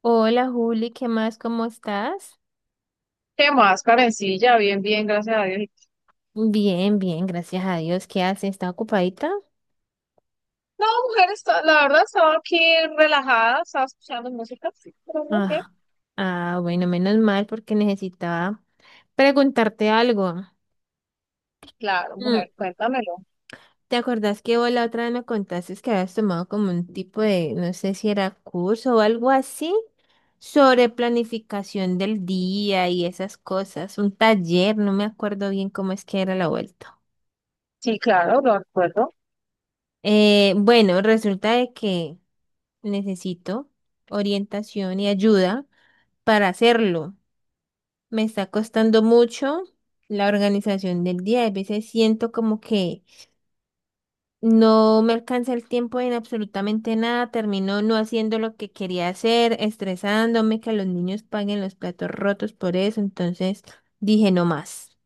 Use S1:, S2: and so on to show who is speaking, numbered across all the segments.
S1: Hola Juli, ¿qué más? ¿Cómo estás?
S2: ¿Qué más, Karencilla? Bien, bien, gracias a Dios. ¿Tú?
S1: Bien, bien, gracias a Dios. ¿Qué haces? ¿Está ocupadita?
S2: No, mujer, la verdad estaba aquí relajada, estaba escuchando música, sí, pero no, bien.
S1: Ah, ah, bueno, menos mal porque necesitaba preguntarte algo.
S2: Claro,
S1: Mm.
S2: mujer, cuéntamelo.
S1: ¿Te acordás que vos la otra vez me contaste que habías tomado como un tipo de, no sé si era curso o algo así, sobre planificación del día y esas cosas? Un taller, no me acuerdo bien cómo es que era la vuelta.
S2: Sí, claro, lo recuerdo.
S1: Bueno, resulta de que necesito orientación y ayuda para hacerlo. Me está costando mucho la organización del día. A veces siento como que no me alcanza el tiempo en absolutamente nada. Termino no haciendo lo que quería hacer, estresándome que los niños paguen los platos rotos por eso. Entonces dije no más.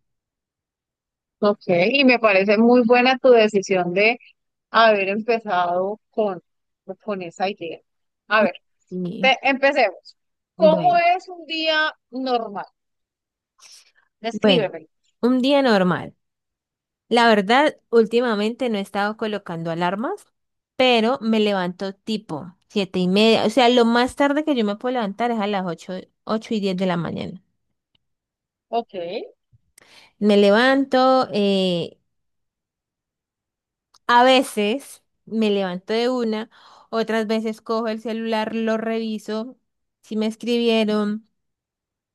S2: Ok, y me parece muy buena tu decisión de haber empezado con esa idea. A ver,
S1: Y
S2: empecemos. ¿Cómo
S1: bueno,
S2: es un día normal?
S1: bueno,
S2: Descríbeme.
S1: un día normal. La verdad, últimamente no he estado colocando alarmas, pero me levanto tipo 7:30. O sea, lo más tarde que yo me puedo levantar es a las ocho, 8:10 de la mañana.
S2: Ok,
S1: Me levanto, eh, a veces me levanto de una, otras veces cojo el celular, lo reviso, si me escribieron,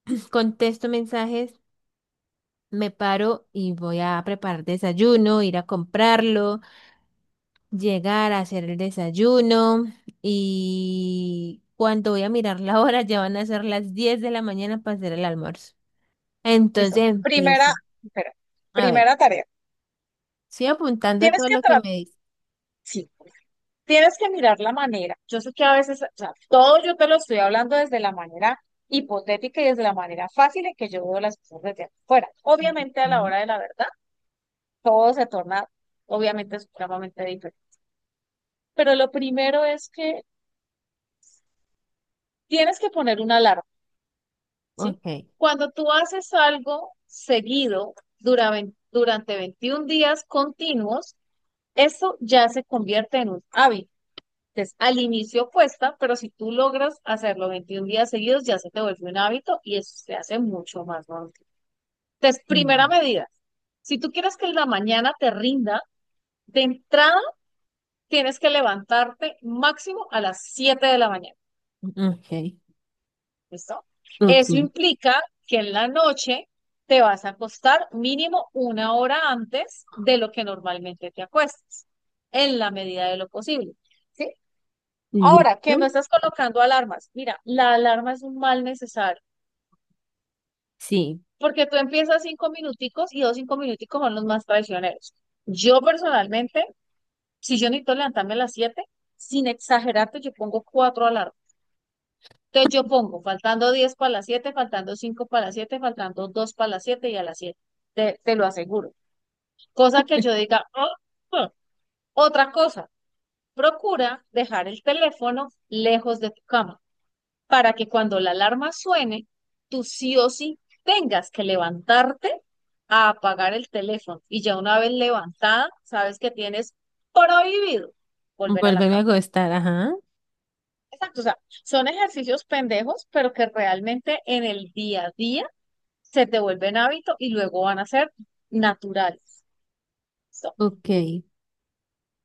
S1: pues, contesto mensajes, me paro y voy a preparar desayuno, ir a comprarlo. Llegar a hacer el desayuno y cuando voy a mirar la hora ya van a ser las 10 de la mañana para hacer el almuerzo. Entonces
S2: listo. Primera,
S1: empiezo.
S2: espera,
S1: A ver,
S2: primera tarea.
S1: estoy apuntando
S2: Tienes
S1: todo
S2: que
S1: lo que
S2: tratar,
S1: me dice.
S2: sí. Tienes que mirar la manera. Yo sé que a veces, o sea, todo yo te lo estoy hablando desde la manera hipotética y desde la manera fácil en que yo veo las cosas desde afuera. Obviamente a la
S1: Ujú.
S2: hora de la verdad, todo se torna, obviamente, supremamente diferente. Pero lo primero es que tienes que poner una alarma, ¿sí?
S1: Ok.
S2: Cuando tú haces algo seguido durante 21 días continuos, eso ya se convierte en un hábito. Entonces, al inicio cuesta, pero si tú logras hacerlo 21 días seguidos, ya se te vuelve un hábito y eso se hace mucho más normal. Entonces,
S1: Ujú.
S2: primera medida, si tú quieres que la mañana te rinda, de entrada tienes que levantarte máximo a las 7 de la mañana,
S1: Ok.
S2: ¿listo?
S1: Ok.
S2: Eso implica que en la noche te vas a acostar mínimo una hora antes de lo que normalmente te acuestas, en la medida de lo posible. ¿Sí? Ahora,
S1: Listo.
S2: que no estás colocando alarmas. Mira, la alarma es un mal necesario,
S1: Sí.
S2: porque tú empiezas 5 minuticos y dos 5 minuticos son los más traicioneros. Yo personalmente, si yo necesito levantarme a las 7, sin exagerarte, yo pongo 4 alarmas. Entonces yo pongo, faltando 10 para las 7, faltando 5 para las 7, faltando 2 para las 7 y a las 7. Te lo aseguro. Cosa que yo diga, "Ah, ah". Otra cosa, procura dejar el teléfono lejos de tu cama, para que cuando la alarma suene, tú sí o sí tengas que levantarte a apagar el teléfono. Y ya una vez levantada, sabes que tienes prohibido volver a la
S1: Volverme a
S2: cama.
S1: acostar, ajá.
S2: Exacto, o sea, son ejercicios pendejos, pero que realmente en el día a día se te vuelven hábito y luego van a ser naturales. So,
S1: Ok.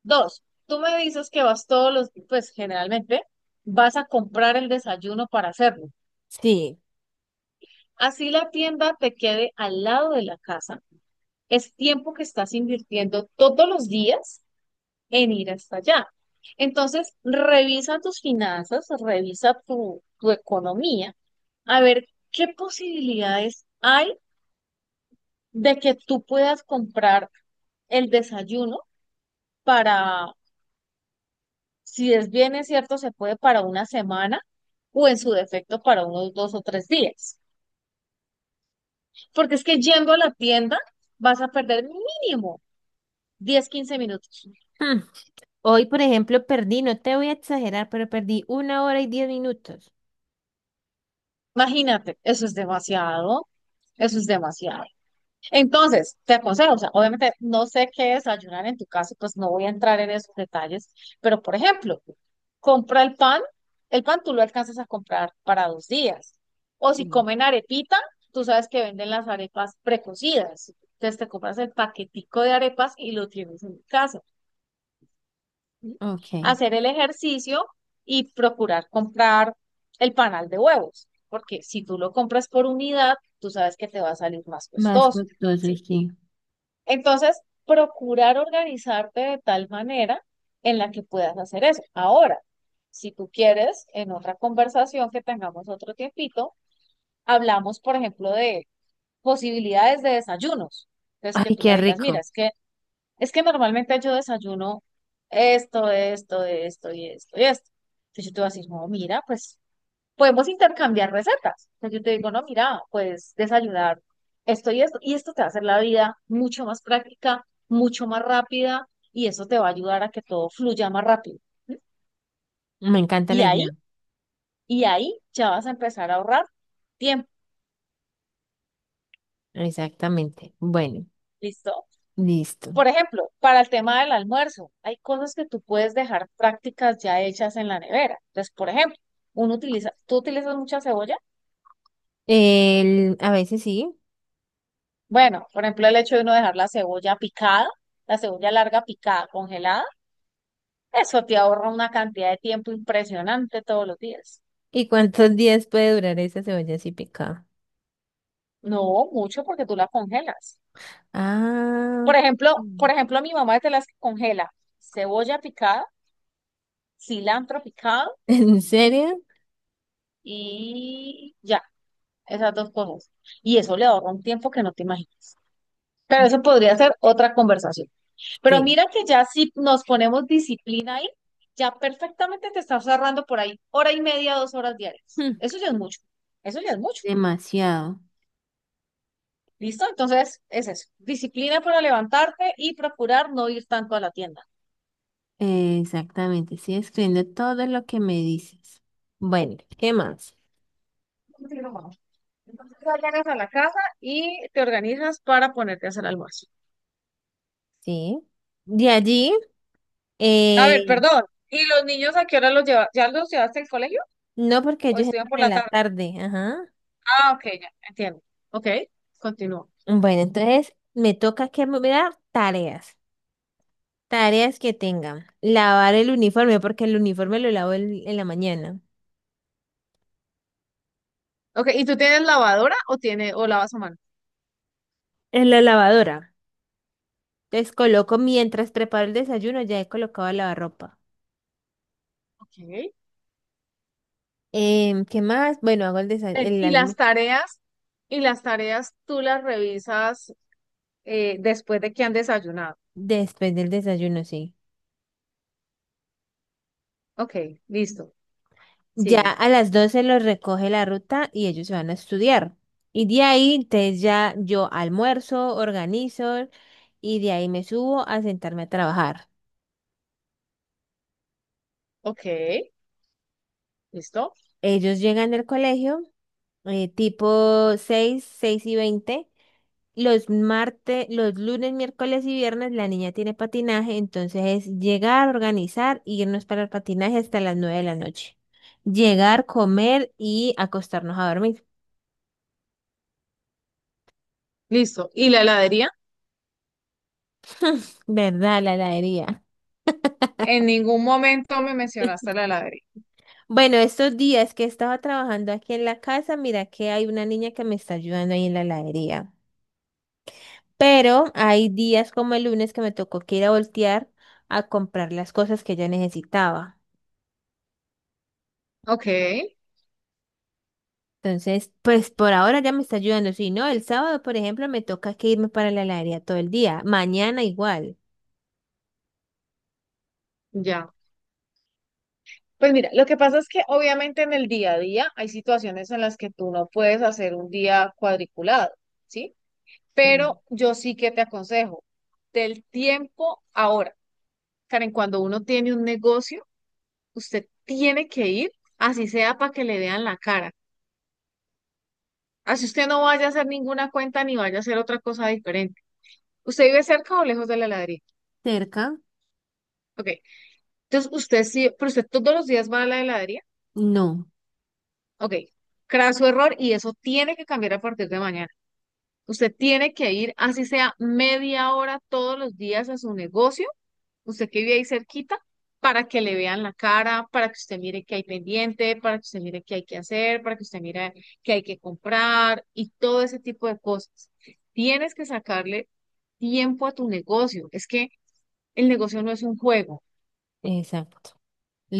S2: dos, tú me dices que vas todos los, pues generalmente vas a comprar el desayuno para hacerlo.
S1: Sí.
S2: Así la tienda te quede al lado de la casa, es tiempo que estás invirtiendo todos los días en ir hasta allá. Entonces, revisa tus finanzas, revisa tu economía, a ver qué posibilidades hay de que tú puedas comprar el desayuno para, si es bien es cierto, se puede para una semana o en su defecto para unos 2 o 3 días. Porque es que yendo a la tienda vas a perder mínimo 10 15 minutos.
S1: Mm. Hoy, por ejemplo, perdí, no te voy a exagerar, pero perdí una hora y 10 minutos.
S2: Imagínate, eso es demasiado. Eso es demasiado. Entonces, te aconsejo, o sea, obviamente no sé qué desayunar en tu casa, pues no voy a entrar en esos detalles, pero por ejemplo, compra el pan tú lo alcanzas a comprar para 2 días. O si
S1: Sí.
S2: comen arepita, tú sabes que venden las arepas precocidas. Entonces te compras el paquetico de arepas y lo tienes en casa. ¿Sí?
S1: Ok.
S2: Hacer el ejercicio y procurar comprar el panal de huevos, porque si tú lo compras por unidad, tú sabes que te va a salir más
S1: Más
S2: costoso,
S1: costoso,
S2: ¿sí?
S1: sí.
S2: Entonces, procurar organizarte de tal manera en la que puedas hacer eso. Ahora, si tú quieres, en otra conversación que tengamos otro tiempito, hablamos, por ejemplo, de posibilidades de desayunos. Entonces, que
S1: Ay,
S2: tú me
S1: qué
S2: digas, mira,
S1: rico.
S2: es que normalmente yo desayuno esto, esto, esto y esto y esto. Entonces yo te voy a decir, no, mira, pues podemos intercambiar recetas. Entonces yo te digo, no, mira, pues desayunar esto y esto. Y esto te va a hacer la vida mucho más práctica, mucho más rápida y eso te va a ayudar a que todo fluya más rápido.
S1: Me encanta
S2: Y
S1: la
S2: ahí,
S1: idea.
S2: y ahí ya vas a empezar a ahorrar tiempo.
S1: Exactamente. Bueno,
S2: ¿Listo?
S1: listo.
S2: Por ejemplo, para el tema del almuerzo, hay cosas que tú puedes dejar prácticas ya hechas en la nevera. Entonces, por ejemplo, uno utiliza, ¿tú utilizas mucha cebolla?
S1: El, a veces sí.
S2: Bueno, por ejemplo, el hecho de uno dejar la cebolla picada, la cebolla larga picada, congelada, eso te ahorra una cantidad de tiempo impresionante todos los días.
S1: ¿Y cuántos días puede durar esa cebolla así picada?
S2: No mucho porque tú la congelas.
S1: Ah,
S2: Por ejemplo,
S1: mm.
S2: por ejemplo, mi mamá es de las que congela cebolla picada, cilantro picado
S1: ¿En serio?
S2: y ya, esas dos cosas. Y eso le ahorra un tiempo que no te imaginas. Pero eso
S1: Mm.
S2: podría ser otra conversación. Pero
S1: Sí.
S2: mira que ya si nos ponemos disciplina ahí, ya perfectamente te estás ahorrando por ahí hora y media, 2 horas diarias.
S1: Hmm.
S2: Eso ya es mucho. Eso ya es mucho.
S1: Demasiado.
S2: ¿Listo? Entonces, es eso. Disciplina para levantarte y procurar no ir tanto a la tienda.
S1: Exactamente. Estoy escribiendo todo lo que me dices. Bueno, ¿qué más?
S2: Entonces, ya llegas a la casa y te organizas para ponerte a hacer almuerzo.
S1: Sí. De allí,
S2: A ver,
S1: eh,
S2: perdón. ¿Y los niños a qué hora los llevas? ¿Ya los llevaste al colegio
S1: no porque
S2: o
S1: ellos
S2: estudian
S1: entran
S2: por
S1: en
S2: la
S1: la
S2: tarde?
S1: tarde. Ajá.
S2: Ah, ok, ya, entiendo. Ok, continúo.
S1: Bueno, entonces me toca que me dar tareas. Tareas que tengan. Lavar el uniforme, porque el uniforme lo lavo en la mañana.
S2: Ok, ¿y tú tienes lavadora o lavas a mano?
S1: En la lavadora. Entonces coloco, mientras preparo el desayuno, ya he colocado la lavarropa.
S2: Ok.
S1: ¿Qué más? Bueno, hago el desa-
S2: Ven,
S1: el
S2: y las
S1: alm-
S2: tareas tú las revisas después de que han desayunado.
S1: después del desayuno, sí.
S2: Ok, listo.
S1: Ya
S2: Sigue.
S1: a las 12 los recoge la ruta y ellos se van a estudiar. Y de ahí, entonces ya yo almuerzo, organizo y de ahí me subo a sentarme a trabajar.
S2: Ok, listo.
S1: Ellos llegan del colegio, tipo seis, 6:20. Los martes, los lunes, miércoles y viernes la niña tiene patinaje, entonces es llegar, organizar, irnos para el patinaje hasta las 9 de la noche. Llegar, comer y acostarnos a dormir.
S2: Listo. ¿Y la heladería?
S1: ¿Verdad, la heladería?
S2: En ningún momento me mencionaste la heladería.
S1: Bueno, estos días que estaba trabajando aquí en la casa, mira que hay una niña que me está ayudando ahí en la heladería. Pero hay días como el lunes que me tocó que ir a voltear a comprar las cosas que ella necesitaba.
S2: Ok,
S1: Entonces, pues por ahora ya me está ayudando. Si no, el sábado, por ejemplo, me toca que irme para la heladería todo el día. Mañana igual.
S2: ya. Pues mira, lo que pasa es que obviamente en el día a día hay situaciones en las que tú no puedes hacer un día cuadriculado, ¿sí?
S1: Sí.
S2: Pero yo sí que te aconsejo del tiempo ahora. Karen, cuando uno tiene un negocio, usted tiene que ir, así sea para que le vean la cara. Así usted no vaya a hacer ninguna cuenta ni vaya a hacer otra cosa diferente. ¿Usted vive cerca o lejos de la heladería?
S1: ¿Cerca?
S2: Ok. Entonces, usted sí, pero usted todos los días va a la heladería.
S1: No.
S2: Ok. Craso error y eso tiene que cambiar a partir de mañana. Usted tiene que ir, así sea media hora todos los días a su negocio, usted que vive ahí cerquita, para que le vean la cara, para que usted mire qué hay pendiente, para que usted mire qué hay que hacer, para que usted mire qué hay que comprar y todo ese tipo de cosas. Tienes que sacarle tiempo a tu negocio. Es que el negocio no es un juego.
S1: Exacto.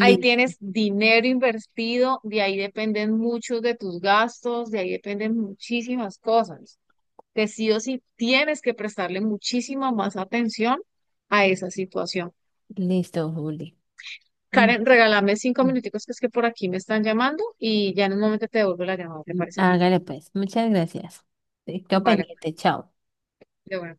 S2: Ahí tienes dinero invertido, de ahí dependen muchos de tus gastos, de ahí dependen muchísimas cosas. Que sí o sí tienes que prestarle muchísima más atención a esa situación.
S1: Listo, Juli. Mm,
S2: Karen, regálame cinco
S1: mm,
S2: minuticos que es que por aquí me están llamando y ya en un momento te devuelvo la llamada, ¿te
S1: mm.
S2: parece?
S1: Hágale pues. Muchas gracias. Quedo
S2: Vale,
S1: pendiente. Chao.
S2: de bueno.